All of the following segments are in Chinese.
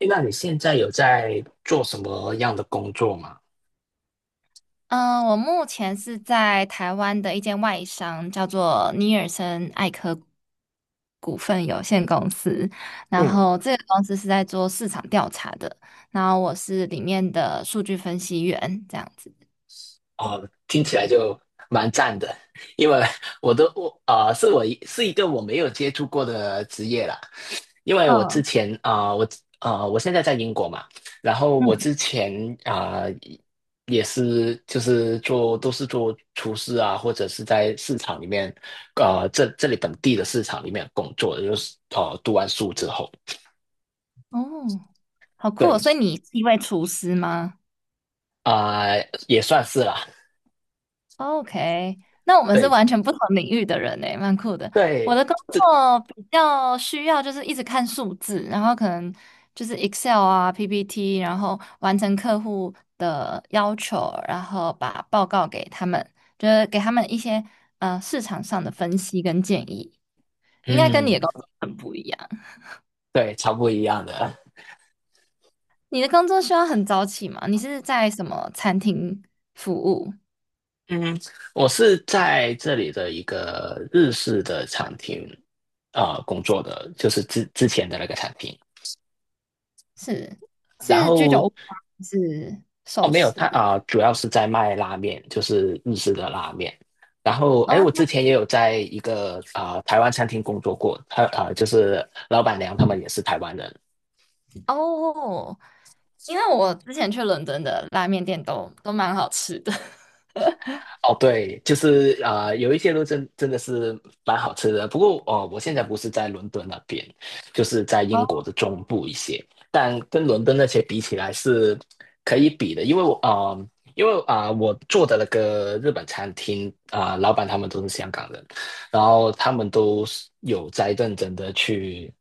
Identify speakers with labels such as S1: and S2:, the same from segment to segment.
S1: 诶那你现在有在做什么样的工作吗？
S2: 嗯，我目前是在台湾的一间外商，叫做尼尔森艾科股份有限公司。然
S1: 嗯。
S2: 后这个公司是在做市场调查的，然后我是里面的数据分析员，这样子。
S1: 哦，听起来就蛮赞的。因为我都我啊，是我一是一个我没有接触过的职业啦。因为我之
S2: 嗯
S1: 前啊、呃我啊，我现在在英国嘛。然后我
S2: 嗯，
S1: 之前啊、呃也是就是做都是做厨师啊，或者是在市场里面，啊，这里本地的市场里面工作的，就是哦，读完书之后，
S2: 哦，好酷哦！所以
S1: 对
S2: 你是一位厨师吗？
S1: 啊、也算是啦。
S2: OK，那我们是
S1: 对
S2: 完全不同领域的人诶，蛮酷的。我
S1: 对，
S2: 的工
S1: 这
S2: 作比较需要就是一直看数字，然后可能就是 Excel 啊、PPT，然后完成客户的要求，然后把报告给他们，就是给他们一些市场上的分析跟建议。应该跟你
S1: 嗯，
S2: 的工作很不一样。
S1: 对，超不一样的。
S2: 你的工作需要很早起吗？你是在什么餐厅服务？
S1: 嗯。我是在这里的一个日式的餐厅工作的，就是之前的那个餐厅。
S2: 是
S1: 然
S2: 是居酒
S1: 后
S2: 屋吗？还是
S1: 哦，
S2: 寿
S1: 没有，他
S2: 司？
S1: 主要是在卖拉面，就是日式的拉面。然后哎，我之
S2: 哦
S1: 前也有在一个台湾餐厅工作过，他就是老板娘他们也是台湾人。
S2: 哦，因为我之前去伦敦的拉面店都蛮好吃的。
S1: 哦，对，就是有一些路真的是蛮好吃的。不过我现在不是在伦敦那边，就是在
S2: 哦，
S1: 英国的中部一些，但跟伦敦那些比起来是可以比的。因为我做的那个日本餐厅老板他们都是香港人，然后他们都是有在认真的去，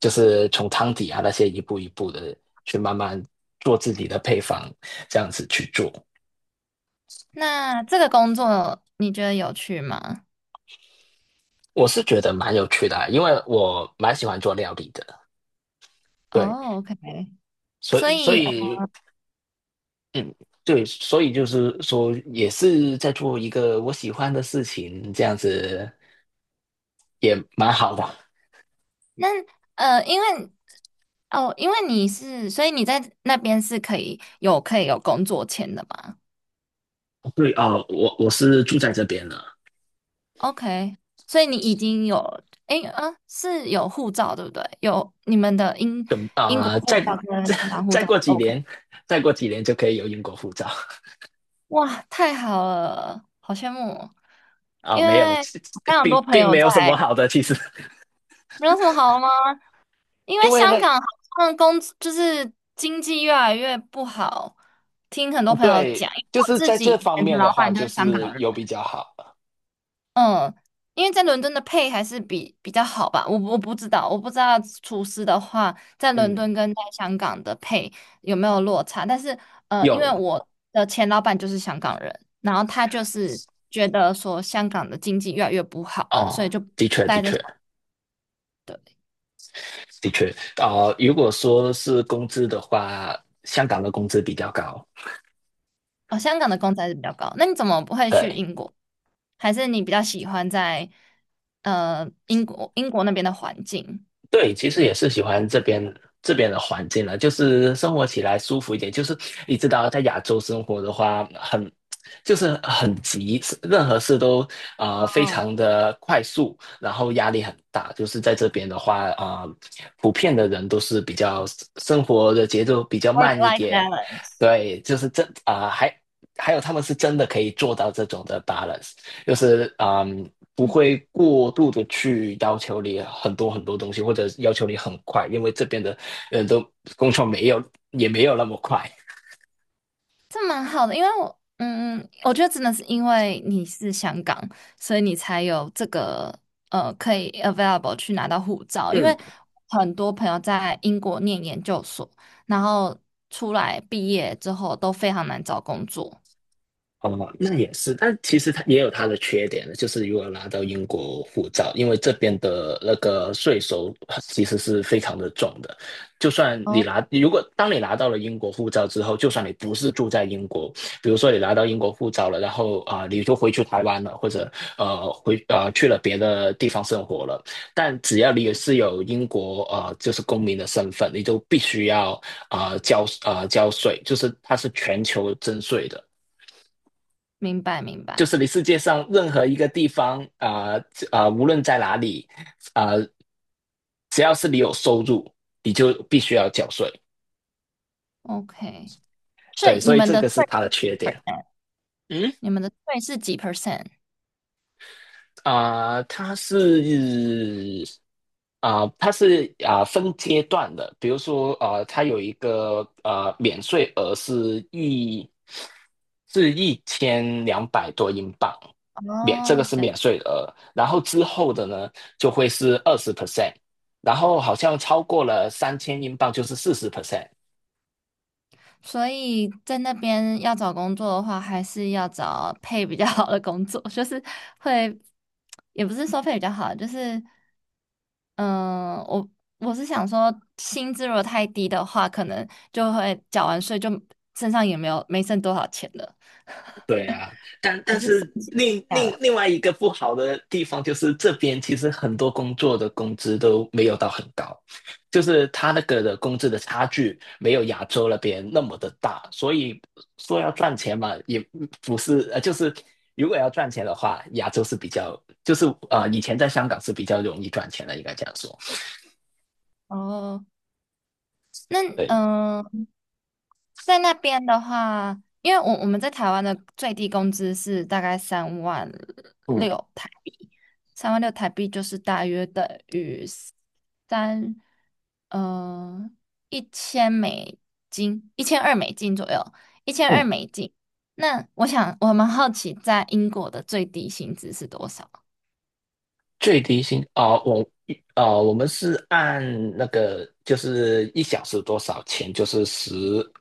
S1: 就是从汤底啊那些一步一步的去慢慢做自己的配方，这样子去做。
S2: 那这个工作你觉得有趣吗？
S1: 我是觉得蛮有趣的啊，因为我蛮喜欢做料理的。对，
S2: 哦，OK，
S1: 所
S2: 所
S1: 以所
S2: 以
S1: 以嗯，对，所以就是说，也是在做一个我喜欢的事情，这样子也蛮好的。
S2: 那因为哦，因为你是，所以你在那边是可以有可以有工作签的吗
S1: 对啊，哦我是住在这边了，
S2: ？OK，所以你已经有，诶，是有护照对不对？有你们的英
S1: 等
S2: 英国
S1: 啊、呃
S2: 护
S1: 再
S2: 照跟
S1: 再
S2: 芬兰护
S1: 再
S2: 照
S1: 过几
S2: ，OK。
S1: 年，再过几年就可以有英国护照。
S2: 哇，太好了，好羡慕哦！因
S1: 没有，
S2: 为
S1: 其
S2: 非常多
S1: 并
S2: 朋
S1: 并
S2: 友
S1: 没
S2: 在，
S1: 有什么好的，其实。
S2: 没有什么好吗？因为
S1: 因为呢，
S2: 香港好像工就是经济越来越不好，听很多朋友
S1: 对，
S2: 讲，因为
S1: 就
S2: 我
S1: 是
S2: 自
S1: 在
S2: 己
S1: 这
S2: 以
S1: 方
S2: 前的
S1: 面的
S2: 老
S1: 话，
S2: 板就
S1: 就
S2: 是香
S1: 是
S2: 港人。
S1: 有比较好。
S2: 嗯，因为在伦敦的配还是比较好吧，我不知道，我不知道厨师的话在伦
S1: 嗯。
S2: 敦跟在香港的配有没有落差，但是因为
S1: 有
S2: 我的前老板就是香港人，然后他就是觉得说香港的经济越来越不好了，所
S1: 哦。
S2: 以就
S1: 的
S2: 不
S1: 确，的
S2: 待在
S1: 确，
S2: 香对，
S1: 的确。如果说是工资的话，香港的工资比较高。
S2: 哦，香港的工资还是比较高，那你怎么不会去
S1: 对，
S2: 英国？还是你比较喜欢在英国那边的环境？
S1: 对，其实也是喜欢这边的环境了，就是生活起来舒服一点。就是你知道，在亚洲生活的话，就是很急，任何事都非
S2: 哦
S1: 常的快速，然后压力很大。就是在这边的话，普遍的人都是生活的节奏比较
S2: ，work
S1: 慢一
S2: life
S1: 点。
S2: balance。
S1: 对，就是真啊、还还有他们是真的可以做到这种的 balance。就是不会过度的去要求你很多很多东西，或者要求你很快，因为这边的人都工作没有也没有那么快。
S2: 这蛮好的，因为我，嗯，我觉得真的是因为你是香港，所以你才有这个可以 available 去拿到护照。因
S1: 嗯。
S2: 为很多朋友在英国念研究所，然后出来毕业之后都非常难找工作。
S1: 哦，那也是，但其实它也有它的缺点。就是如果拿到英国护照，因为这边的那个税收其实是非常的重的。就算你
S2: 哦，
S1: 拿，如果当你拿到了英国护照之后，就算你不是住在英国，比如说你拿到英国护照了，然后你就回去台湾了，或者呃回呃去了别的地方生活了，但只要你是有英国就是公民的身份，你就必须要交税，就是它是全球征税的。
S2: 明白明
S1: 就
S2: 白
S1: 是你世界上任何一个地方无论在哪里啊、呃只要是你有收入，你就必须要缴税。
S2: ，OK。所
S1: 对，
S2: 以你
S1: 所以
S2: 们
S1: 这
S2: 的
S1: 个
S2: 税
S1: 是它的
S2: 是
S1: 缺
S2: 几
S1: 点。
S2: percent？
S1: 嗯。
S2: 你们的税是几 percent？
S1: 啊、它是它是分阶段的。比如说它有一个免税额，是1,200多英镑。这个
S2: 哦，
S1: 是免税额，然后之后的呢就会是20%，然后好像超过了3,000英镑就是40%。
S2: 所以在那边要找工作的话，还是要找配比较好的工作，就是会，也不是说配比较好，就是嗯，我我是想说，薪资如果太低的话，可能就会缴完税就身上也没有没剩多少钱了，
S1: 对啊，但
S2: 还
S1: 但
S2: 是省
S1: 是
S2: 下
S1: 另
S2: 下
S1: 另
S2: 来。
S1: 另外一个不好的地方，就是这边其实很多工作的工资都没有到很高，就是他那个的工资的差距没有亚洲那边那么的大。所以说要赚钱嘛，也不是，就是如果要赚钱的话，亚洲是比较就是，以前在香港是比较容易赚钱的，应该这样说。
S2: 哦，那
S1: 对。
S2: 嗯、呃在那边的话，因为我们在台湾的最低工资是大概三万
S1: 嗯
S2: 六台币，三万六台币就是大约等于三，呃，一千美金，一千二美金左右，一千
S1: 嗯，
S2: 二美金。那我想，我蛮好奇，在英国的最低薪资是多少？
S1: 最低薪哦，我哦，我们是按那个就是一小时多少钱，就是十，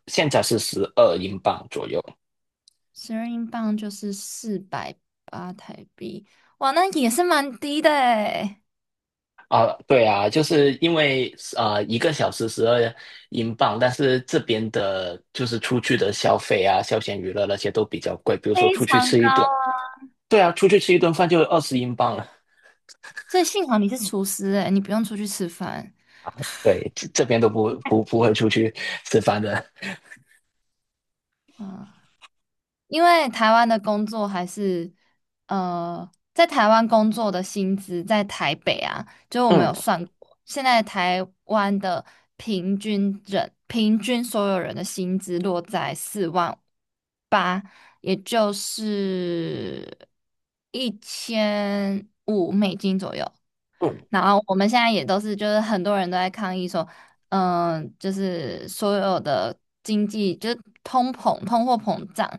S1: 现在是十二英镑左右。
S2: 12英镑就是480台币，哇，那也是蛮低的诶，
S1: 啊，对啊，就是因为1个小时12英镑。但是这边的就是出去的消费啊，休闲娱乐那些都比较贵，比如说
S2: 非
S1: 出去
S2: 常
S1: 吃一
S2: 高
S1: 顿，
S2: 啊
S1: 对啊，出去吃一顿饭就20英镑了。
S2: 所以幸好你是厨师、欸，你不用出去吃饭，
S1: 对，这边都不会出去吃饭的。
S2: 嗯，因为台湾的工作还是，呃，在台湾工作的薪资在台北啊，就我们
S1: 嗯
S2: 有算过，现在台湾的平均人平均所有人的薪资落在4万8，也就是1500美金左右。
S1: 嗯。
S2: 然后我们现在也都是，就是很多人都在抗议说，就是所有的经济就是通膨、通货膨胀，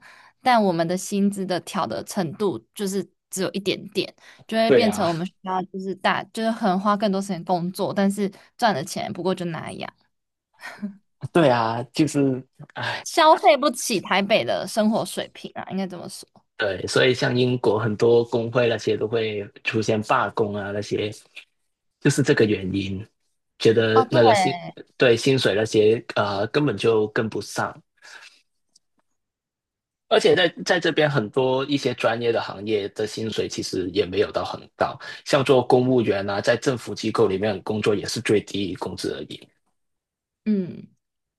S2: 但我们的薪资的调的程度就是只有一点点，就会
S1: 对
S2: 变成
S1: 啊，
S2: 我们需要就是大就是很花更多时间工作，但是赚的钱不过就那样，
S1: 对啊，就是。唉
S2: 消费不起台北的生活水平啊，应该这么说。
S1: 对，所以像英国很多工会那些都会出现罢工啊，那些就是这个原因，觉
S2: 哦，
S1: 得
S2: 对。
S1: 那个对，薪水那些根本就跟不上。而且在这边很多一些专业的行业的薪水其实也没有到很高，像做公务员啊，在政府机构里面工作也是最低工资而已。
S2: 嗯，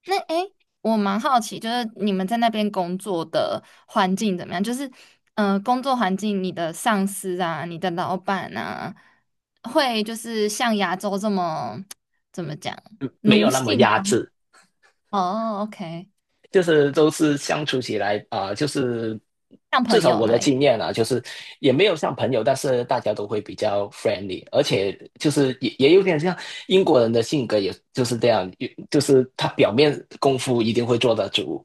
S2: 那诶，我蛮好奇，就是你们在那边工作的环境怎么样？就是，嗯，工作环境，你的上司啊，你的老板啊，会就是像亚洲这么 怎么讲
S1: 嗯没
S2: 奴
S1: 有那么
S2: 性
S1: 压
S2: 吗？
S1: 制。
S2: 哦，OK，
S1: 就是都是相处起来就是
S2: 像
S1: 至
S2: 朋
S1: 少
S2: 友
S1: 我的
S2: 那一，
S1: 经验啊，就是也没有像朋友，但是大家都会比较 friendly，而且就是也有点像英国人的性格，也就是这样。就是他表面功夫一定会做得足，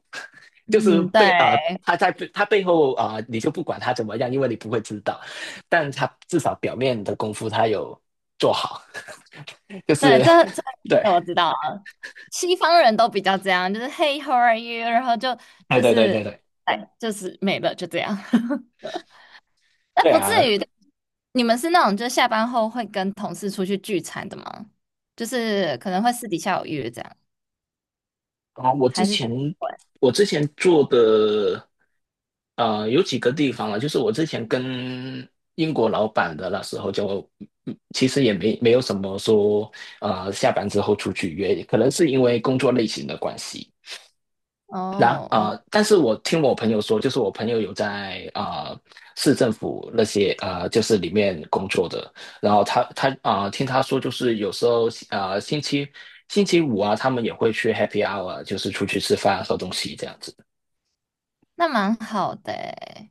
S1: 就是
S2: 嗯，对
S1: 他在他背后你就不管他怎么样，因为你不会知道，但他至少表面的功夫他有做好，就
S2: 对，
S1: 是。
S2: 这 这
S1: 对。
S2: 这我知道了，西方人都比较这样，就是 Hey, how are you？然后就
S1: 哎，
S2: 就
S1: 对对对
S2: 是
S1: 对，
S2: 哎，就是没了，就这样。那
S1: 对
S2: 不至
S1: 啊。
S2: 于的。你们是那种就下班后会跟同事出去聚餐的吗？就是可能会私底下有约这样，
S1: 啊，我之
S2: 还是
S1: 前
S2: 会？
S1: 我之前做的，有几个地方啊，就是我之前跟英国老板的那时候就，其实也没有什么说，下班之后出去约，可能是因为工作类型的关系。
S2: 哦哦，
S1: 但是我听我朋友说，就是我朋友有在市政府那些啊，就是里面工作的。然后他听他说，就是有时候啊，星期五啊，他们也会去 happy hour，就是出去吃饭喝东西这样子。
S2: 那蛮好的诶，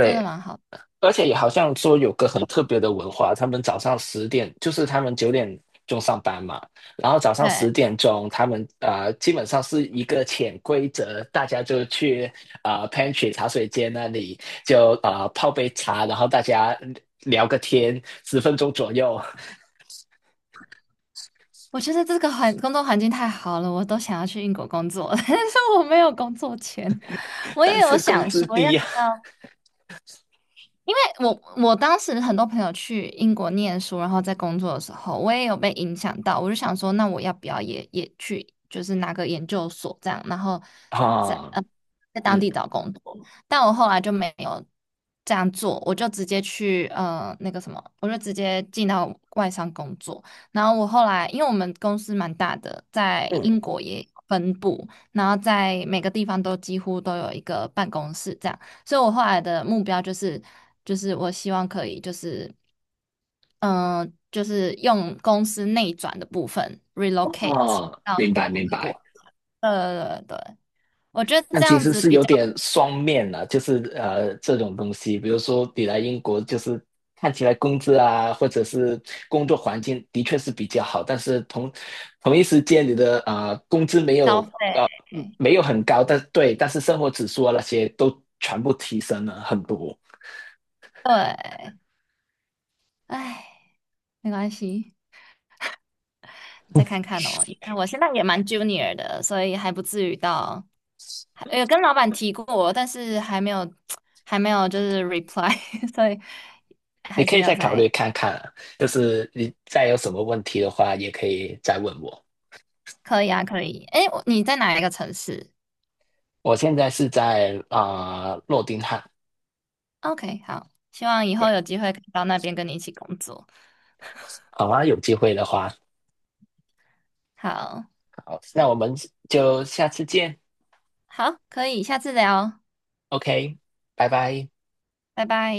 S2: 真的蛮好。
S1: 而且也好像说有个很特别的文化，他们早上十点，就是他们9点钟上班嘛，然后早上
S2: 对，
S1: 10点钟，他们基本上是一个潜规则，大家就去pantry 茶水间那里就泡杯茶，然后大家聊个天，10分钟左右。
S2: 我觉得这个环工作环境太好了，我都想要去英国工作了，但是我没有工作签。我
S1: 但
S2: 也有
S1: 是工
S2: 想
S1: 资
S2: 说要
S1: 低
S2: 不
S1: 啊。
S2: 要我当时很多朋友去英国念书，然后在工作的时候，我也有被影响到。我就想说，那我要不要也去，就是拿个研究所这样，然后 在
S1: 啊，
S2: 在当
S1: 嗯
S2: 地找工作。但我后来就没有这样做，我就直接去那个什么，我就直接进到外商工作。然后我后来，因为我们公司蛮大的，在
S1: 嗯，
S2: 英国也有分部，然后在每个地方都几乎都有一个办公室这样。所以我后来的目标就是，就是我希望可以，就是，嗯、就是用公司内转的部分 relocate
S1: 哦，
S2: 到
S1: 明
S2: 不
S1: 白
S2: 同
S1: 明
S2: 的
S1: 白。
S2: 国。对对对，我觉得
S1: 但
S2: 这
S1: 其
S2: 样
S1: 实
S2: 子
S1: 是
S2: 比
S1: 有
S2: 较
S1: 点双面了，就是这种东西，比如说你来英国，就是看起来工资啊，或者是工作环境的确是比较好，但是同一时间你的工资
S2: 消费。
S1: 没有很高。但对，但是生活指数啊那些都全部提升了很多。
S2: 对，唉，没关系，再看看哦，因为我现在也蛮 junior 的，所以还不至于到，还有跟老板提过，但是还没有，还没有就是 reply，所以
S1: 你
S2: 还
S1: 可
S2: 是
S1: 以
S2: 要
S1: 再考
S2: 在。
S1: 虑看看啊，就是你再有什么问题的话，也可以再问我。
S2: 可以啊，可以。哎，我你在哪一个城市
S1: 我现在是在诺丁汉。
S2: ？OK，好，希望以
S1: 对，
S2: 后有机会可以到那边跟你一起工作。
S1: 好啊，有机会的话。
S2: 好，
S1: 好，那我们就下次见
S2: 好，可以，下次聊，
S1: ，OK，拜拜。
S2: 拜拜。